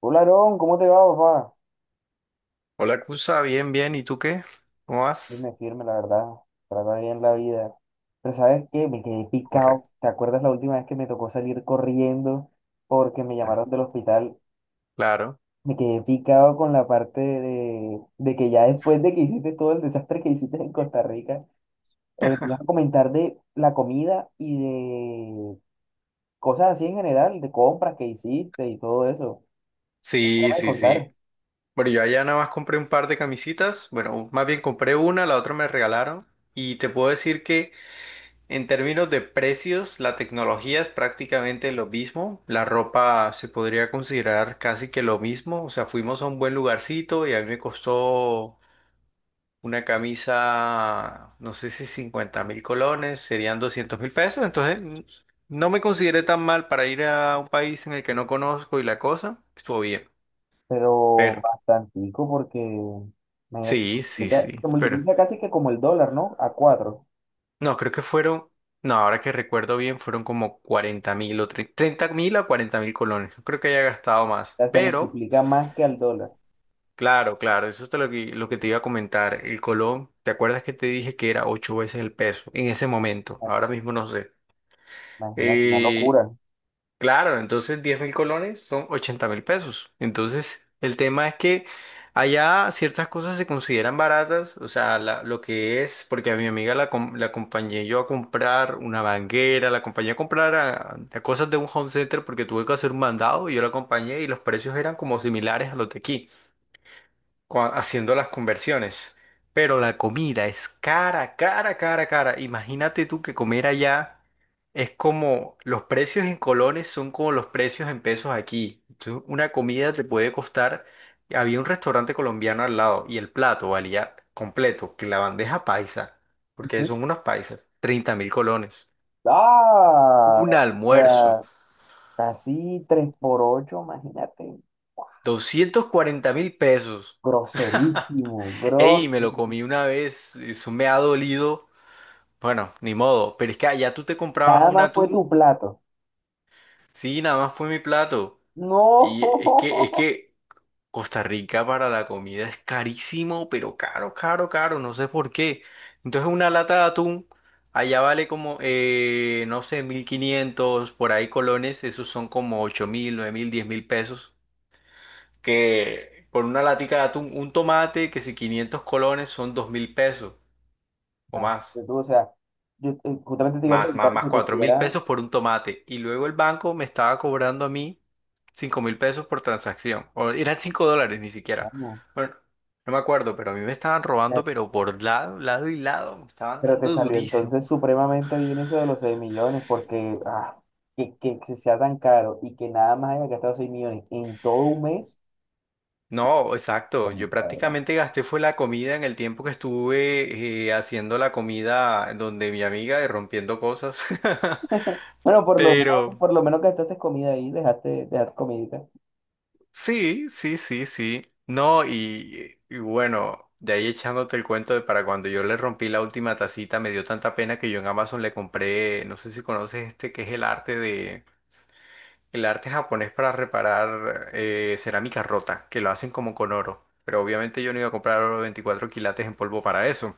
Hola, Aarón, ¿cómo te va, papá? Hola, Cusa, bien, bien. ¿Y tú qué? ¿Cómo vas? Firme, firme, la verdad. Trata bien la vida. Pero ¿sabes qué? Me quedé picado. Correcto. ¿Te acuerdas la última vez que me tocó salir corriendo porque me Ah, llamaron del hospital? claro. Me quedé picado con la parte de que ya después de que hiciste todo el desastre que hiciste en Costa Rica, me ibas a comentar de la comida y de cosas así en general, de compras que hiciste y todo eso. ¿Qué me Sí, vas a sí, sí. contar? Bueno, yo allá nada más compré un par de camisitas. Bueno, más bien compré una, la otra me regalaron. Y te puedo decir que en términos de precios, la tecnología es prácticamente lo mismo. La ropa se podría considerar casi que lo mismo. O sea, fuimos a un buen lugarcito y a mí me costó una camisa, no sé si 50.000 colones, serían 200.000 pesos. Entonces, no me consideré tan mal para ir a un país en el que no conozco y la cosa estuvo bien. Pero Pero, bastantico porque, imagínate, se sí, sí, multiplica, sí. se Pero, multiplica casi que como el dólar, ¿no? A cuatro. no, creo que fueron, no, ahora que recuerdo bien, fueron como 40.000 o 30.000 a 40.000 colones. No creo que haya gastado más. Ya se Pero, multiplica más que al dólar. claro, claro, eso es lo que, te iba a comentar. El colón, ¿te acuerdas que te dije que era ocho veces el peso en ese momento? Ahora mismo no sé. Imagínate, una Eh, locura. Claro, entonces 10.000 colones son 80.000 pesos. Entonces, el tema es que allá ciertas cosas se consideran baratas, o sea, lo que es, porque a mi amiga la acompañé yo a comprar una banguera, la acompañé a comprar a cosas de un home center porque tuve que hacer un mandado y yo la acompañé y los precios eran como similares a los de aquí haciendo las conversiones. Pero la comida es cara, cara, cara, cara. Imagínate tú que comer allá es como los precios en colones son como los precios en pesos aquí. Entonces, una comida te puede costar. Había un restaurante colombiano al lado y el plato valía completo, que la bandeja paisa, porque Ujú. son unos paisas, 30.000 colones. Ah, Un o almuerzo, sea, casi 3 por 8 imagínate. 240.000 pesos. Groserísimo, groserísimo. Ey, me lo comí una vez, eso me ha dolido. Bueno, ni modo, pero es que allá tú te comprabas Nada un más fue atún, tu plato. sí, nada más fue mi plato. No. Y es que, Costa Rica para la comida es carísimo, pero caro, caro, caro, no sé por qué. Entonces una lata de atún allá vale como, no sé, 1.500 por ahí colones, esos son como 8.000, 9.000, 10.000 pesos. Que por una latica de atún, un tomate, que si 500 colones son 2.000 pesos o No, más. tú, o sea, yo justamente te iba a Más, más, preguntar más, eso, que cuatro si mil era, pesos por un tomate. Y luego el banco me estaba cobrando a mí 5.000 pesos por transacción. O eran 5 dólares ni siquiera. vamos. Bueno, no me acuerdo, pero a mí me estaban robando, pero por lado, lado y lado. Me estaban Pero te dando salió durísimo. entonces supremamente bien eso de los 6 millones, porque Que sea tan caro y que nada más haya gastado 6 millones en todo un mes, No, exacto. pues, Yo la verdad. prácticamente gasté fue la comida en el tiempo que estuve haciendo la comida donde mi amiga y rompiendo cosas. Bueno, por lo menos, Pero, por lo menos gastaste comida ahí, dejaste comidita. sí, sí, sí, sí. No, y bueno, de ahí echándote el cuento de para cuando yo le rompí la última tacita, me dio tanta pena que yo en Amazon le compré, no sé si conoces este, que es el arte japonés para reparar cerámica rota, que lo hacen como con oro. Pero obviamente yo no iba a comprar oro de 24 quilates en polvo para eso.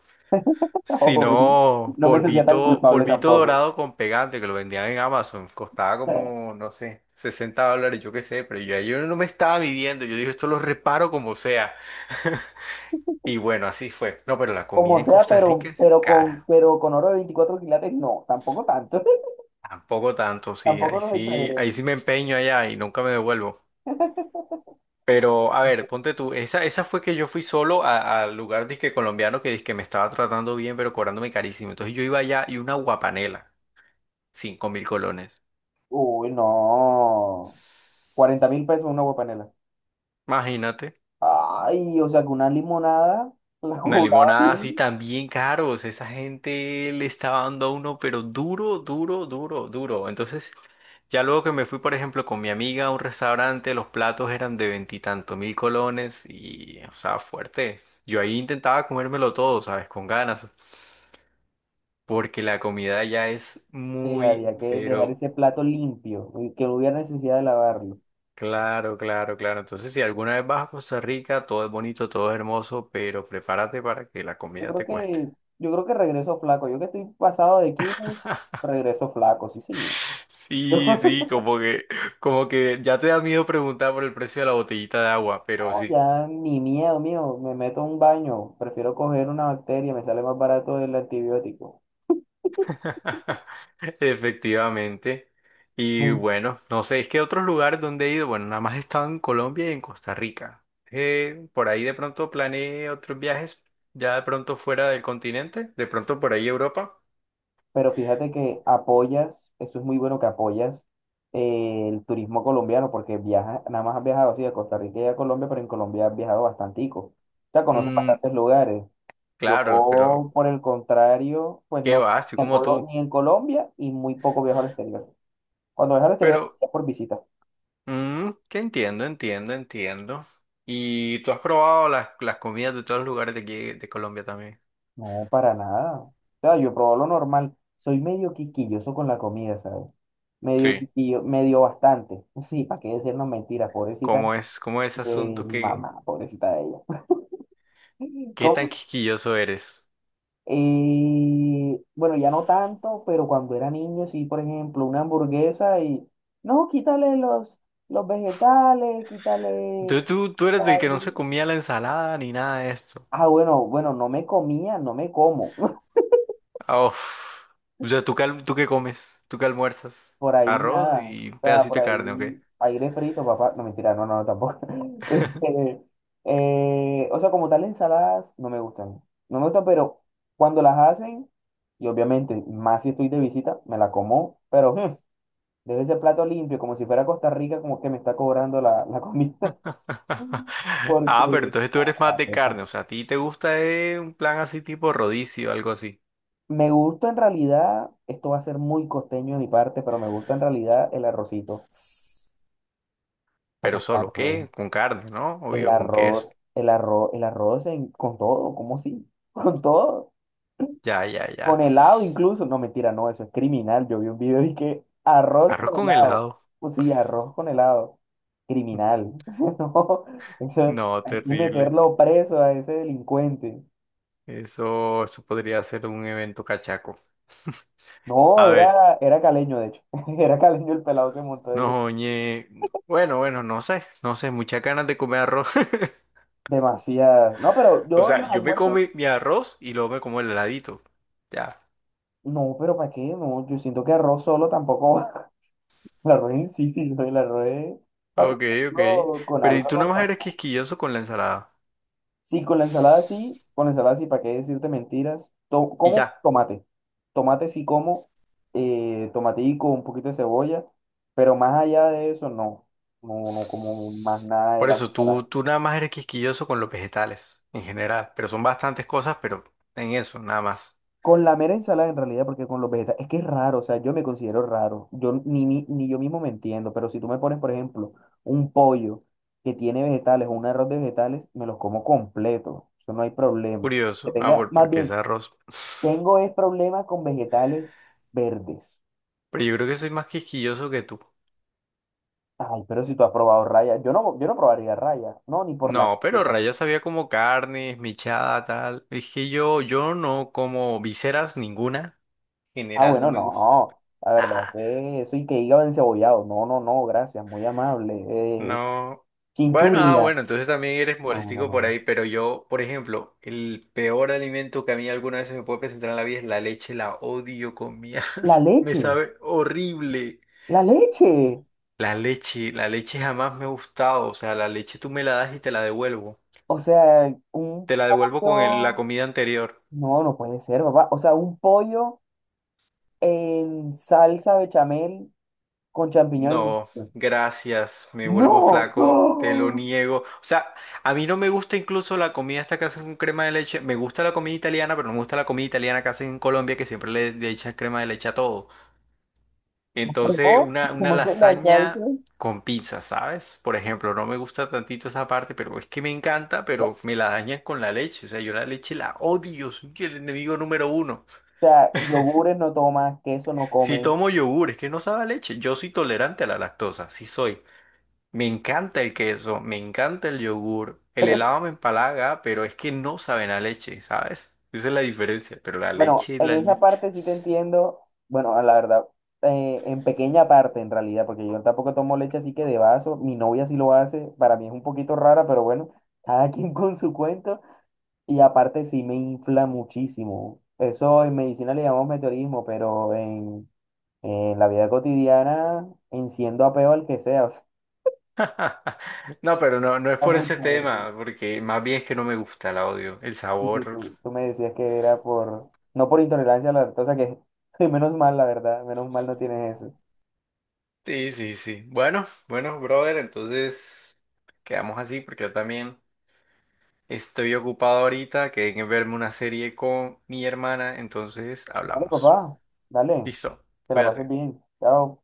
Si no, No me sentía tan polvito, culpable polvito tampoco. dorado con pegante que lo vendían en Amazon, costaba como, no sé, 60 dólares, yo qué sé, pero yo no me estaba midiendo, yo dije, esto lo reparo como sea. Y bueno, así fue. No, pero la Como comida en sea, Costa Rica pero, es pero con, cara. pero con oro de 24 quilates, no, tampoco tanto. Tampoco tanto, sí. Tampoco Ahí nos sí, ahí exageremos. sí me empeño allá y nunca me devuelvo. Pero, a ver, ponte tú. Esa fue que yo fui solo al lugar disque colombiano que me estaba tratando bien, pero cobrándome carísimo. Entonces yo iba allá y una guapanela, 5.000 colones. Uy, no. 40.000 pesos una agua panela. Imagínate, Ay, o sea, que una limonada la una cobraban limonada así ahí. también caros. Esa gente le estaba dando a uno, pero duro, duro, duro, duro. Entonces, ya luego que me fui, por ejemplo, con mi amiga a un restaurante, los platos eran de veintitantos mil colones y, o sea, fuerte. Yo ahí intentaba comérmelo todo, ¿sabes? Con ganas, porque la comida ya es Sí, muy, había que dejar pero ese plato limpio y que no hubiera necesidad de lavarlo. claro, claro, claro. Entonces, si alguna vez vas a Costa Rica, todo es bonito, todo es hermoso, pero prepárate para que la Yo comida creo te cueste. que, yo creo que regreso flaco. Yo que estoy pasado de kilos, regreso flaco, sí, señor. Sí, sí, como que, ya te da miedo preguntar por el precio de la botellita de agua, pero No, sí. ya ni miedo mío, me meto a un baño, prefiero coger una bacteria, me sale más barato el antibiótico. Efectivamente. Y bueno, no sé, es que otros lugares donde he ido, bueno, nada más he estado en Colombia y en Costa Rica. Por ahí de pronto planeé otros viajes, ya de pronto fuera del continente, de pronto por ahí Europa. Pero fíjate que apoyas, eso es muy bueno que apoyas el turismo colombiano, porque viajas, nada más has viajado así de Costa Rica y a Colombia, pero en Colombia has viajado bastantico. O sea, conoces Mm, bastantes lugares. claro, pero Yo, por el contrario, pues qué no, va, estoy ni, como tú. ni en Colombia y muy poco viajo al exterior. Cuando viajo al exterior Pero, es por visita. Que entiendo, entiendo, entiendo. ¿Y tú has probado las, comidas de todos los lugares de aquí, de Colombia también? No, para nada. O sea, yo probo lo normal. Soy medio quisquilloso con la comida, ¿sabes? Medio Sí. quisquillo, medio bastante. Sí, para qué decirnos mentiras, pobrecita. ¿Cómo es, ese asunto? Mi ¿Qué, mamá, pobrecita de ella. qué tan ¿Cómo? quisquilloso eres? Bueno, ya no tanto, pero cuando era niño, sí, por ejemplo, una hamburguesa y, no, quítale los vegetales, quítale... Tú eres del ay, que no se comía la ensalada ni nada de esto. Ah, bueno, bueno, no me comía, no me como. Ah, uf. O sea, tú qué comes? ¿Tú qué almuerzas? Por ahí Arroz nada. y un O sea, pedacito por de carne, ¿ok? ahí aire frito, papá. No, mentira, no, no, no, tampoco. Este, o sea, como tal, ensaladas no me gustan. No me gustan, pero cuando las hacen, y obviamente, más si estoy de visita, me la como, pero debe ser plato limpio, como si fuera Costa Rica, como que me está cobrando la, la comida. Ah, pero Porque entonces tú eres más de carne. O sea, ¿a ti te gusta un plan así tipo rodicio, algo así? me gusta en realidad, esto va a ser muy costeño de mi parte, pero me gusta en realidad el arrocito. Pero solo, ¿qué? Con carne, ¿no? El Obvio, con queso. arroz, el arroz, el arroz en- con todo, ¿cómo sí? Con todo, Ya, ya, con ya. helado incluso. No, mentira, no, eso es criminal. Yo vi un video y que arroz Arroz con con helado. helado. Pues sí, arroz con helado. Mm, Criminal. O sea, no, eso No, hay que terrible. meterlo preso a ese delincuente. Eso podría ser un evento cachaco. No, A ver, era caleño, de hecho. Era caleño el pelado que montó eso. no, oye. Bueno, bueno, no sé, no sé, muchas ganas de comer arroz. Demasiadas. No, pero O yo en los sea, yo me como almuerzos, mi arroz y luego me como el heladito. Ya. no, pero ¿para qué? No, yo siento que arroz solo tampoco La roé, sí, sí, soy la roé. Para Ok, ok. comerlo con Pero y algo tú nada más eres acompañado. quisquilloso con la ensalada. Sí, con la ensalada sí, con la ensalada sí, ¿para qué decirte mentiras? Y Como ya. tomate. Tomate sí como, tomatico, un poquito de cebolla, pero más allá de eso no. No, no como más nada de Por la eso, tú, ensalada. tú nada más eres quisquilloso con los vegetales en general, pero son bastantes cosas, pero en eso, nada más. Con la mera ensalada en realidad, porque con los vegetales, es que es raro, o sea, yo me considero raro, yo ni, ni yo mismo me entiendo, pero si tú me pones, por ejemplo, un pollo que tiene vegetales o un arroz de vegetales, me los como completo, eso no hay problema. Que Curioso. Ah, tenga, bueno, más porque es bien, arroz. tengo es problema con vegetales verdes. Pero yo creo que soy más quisquilloso que tú. Ay, pero si tú has probado raya, yo no probaría raya, no, ni por la... No, pero Raya sabía como carnes, michada, tal. Es que yo no como viseras ninguna. En Ah, general no bueno, me gusta. no, la verdad es que eso y que hígado encebollado, no, no, no, gracias, muy amable. Eh, No. Bueno, ah, Chinchurria. bueno, entonces también eres No, no, no. molestico por No. ahí, pero yo, por ejemplo, el peor alimento que a mí alguna vez se me puede presentar en la vida es la leche, la odio con mi alma. La Me leche, sabe horrible. la leche. La leche jamás me ha gustado, o sea, la leche tú me la das y te la devuelvo. O sea, un Te la devuelvo con la pollo. comida anterior. No, no puede ser, papá. O sea, un pollo en salsa bechamel con champiñones. No, gracias, me vuelvo ¡No! flaco, te lo ¡No! niego. O sea, a mí no me gusta incluso la comida esta que hacen con crema de leche. Me gusta la comida italiana, pero no me gusta la comida italiana que hacen en Colombia, que siempre le echan crema de leche a todo. Entonces, ¿Cómo? una ¿Cómo hacen las lasaña salsas? con pizza, ¿sabes? Por ejemplo, no me gusta tantito esa parte, pero es que me encanta, O pero me la dañan con la leche. O sea, yo la leche la odio, soy el enemigo número uno. sea, yogures no tomas, queso no Si comes. tomo yogur, es que no sabe a leche. Yo soy tolerante a la lactosa, sí soy. Me encanta el queso, me encanta el yogur, el helado me empalaga, pero es que no saben a leche, ¿sabes? Esa es la diferencia, pero la Bueno, leche, en la esa leche. parte sí te entiendo. Bueno, a la verdad, en pequeña parte en realidad, porque yo tampoco tomo leche así que de vaso. Mi novia sí lo hace. Para mí es un poquito rara, pero bueno, cada quien con su cuento. Y aparte sí me infla muchísimo. Eso en medicina le llamamos meteorismo, pero en la vida cotidiana enciendo a peo al que sea. O sea, No, pero no, no es por ese mucho, la verdad. tema, porque más bien es que no me gusta, la odio, el Sí, sí, sabor. tú me decías que era por, no por intolerancia a la lactosa, que menos mal, la verdad, menos mal no tienes eso. Sí, sí, sí. Bueno, bueno, brother, entonces quedamos así, porque yo también estoy ocupado ahorita, que en verme una serie con mi hermana, entonces Dale, hablamos. papá, dale, Listo, que la pases cuídate. bien. Chao.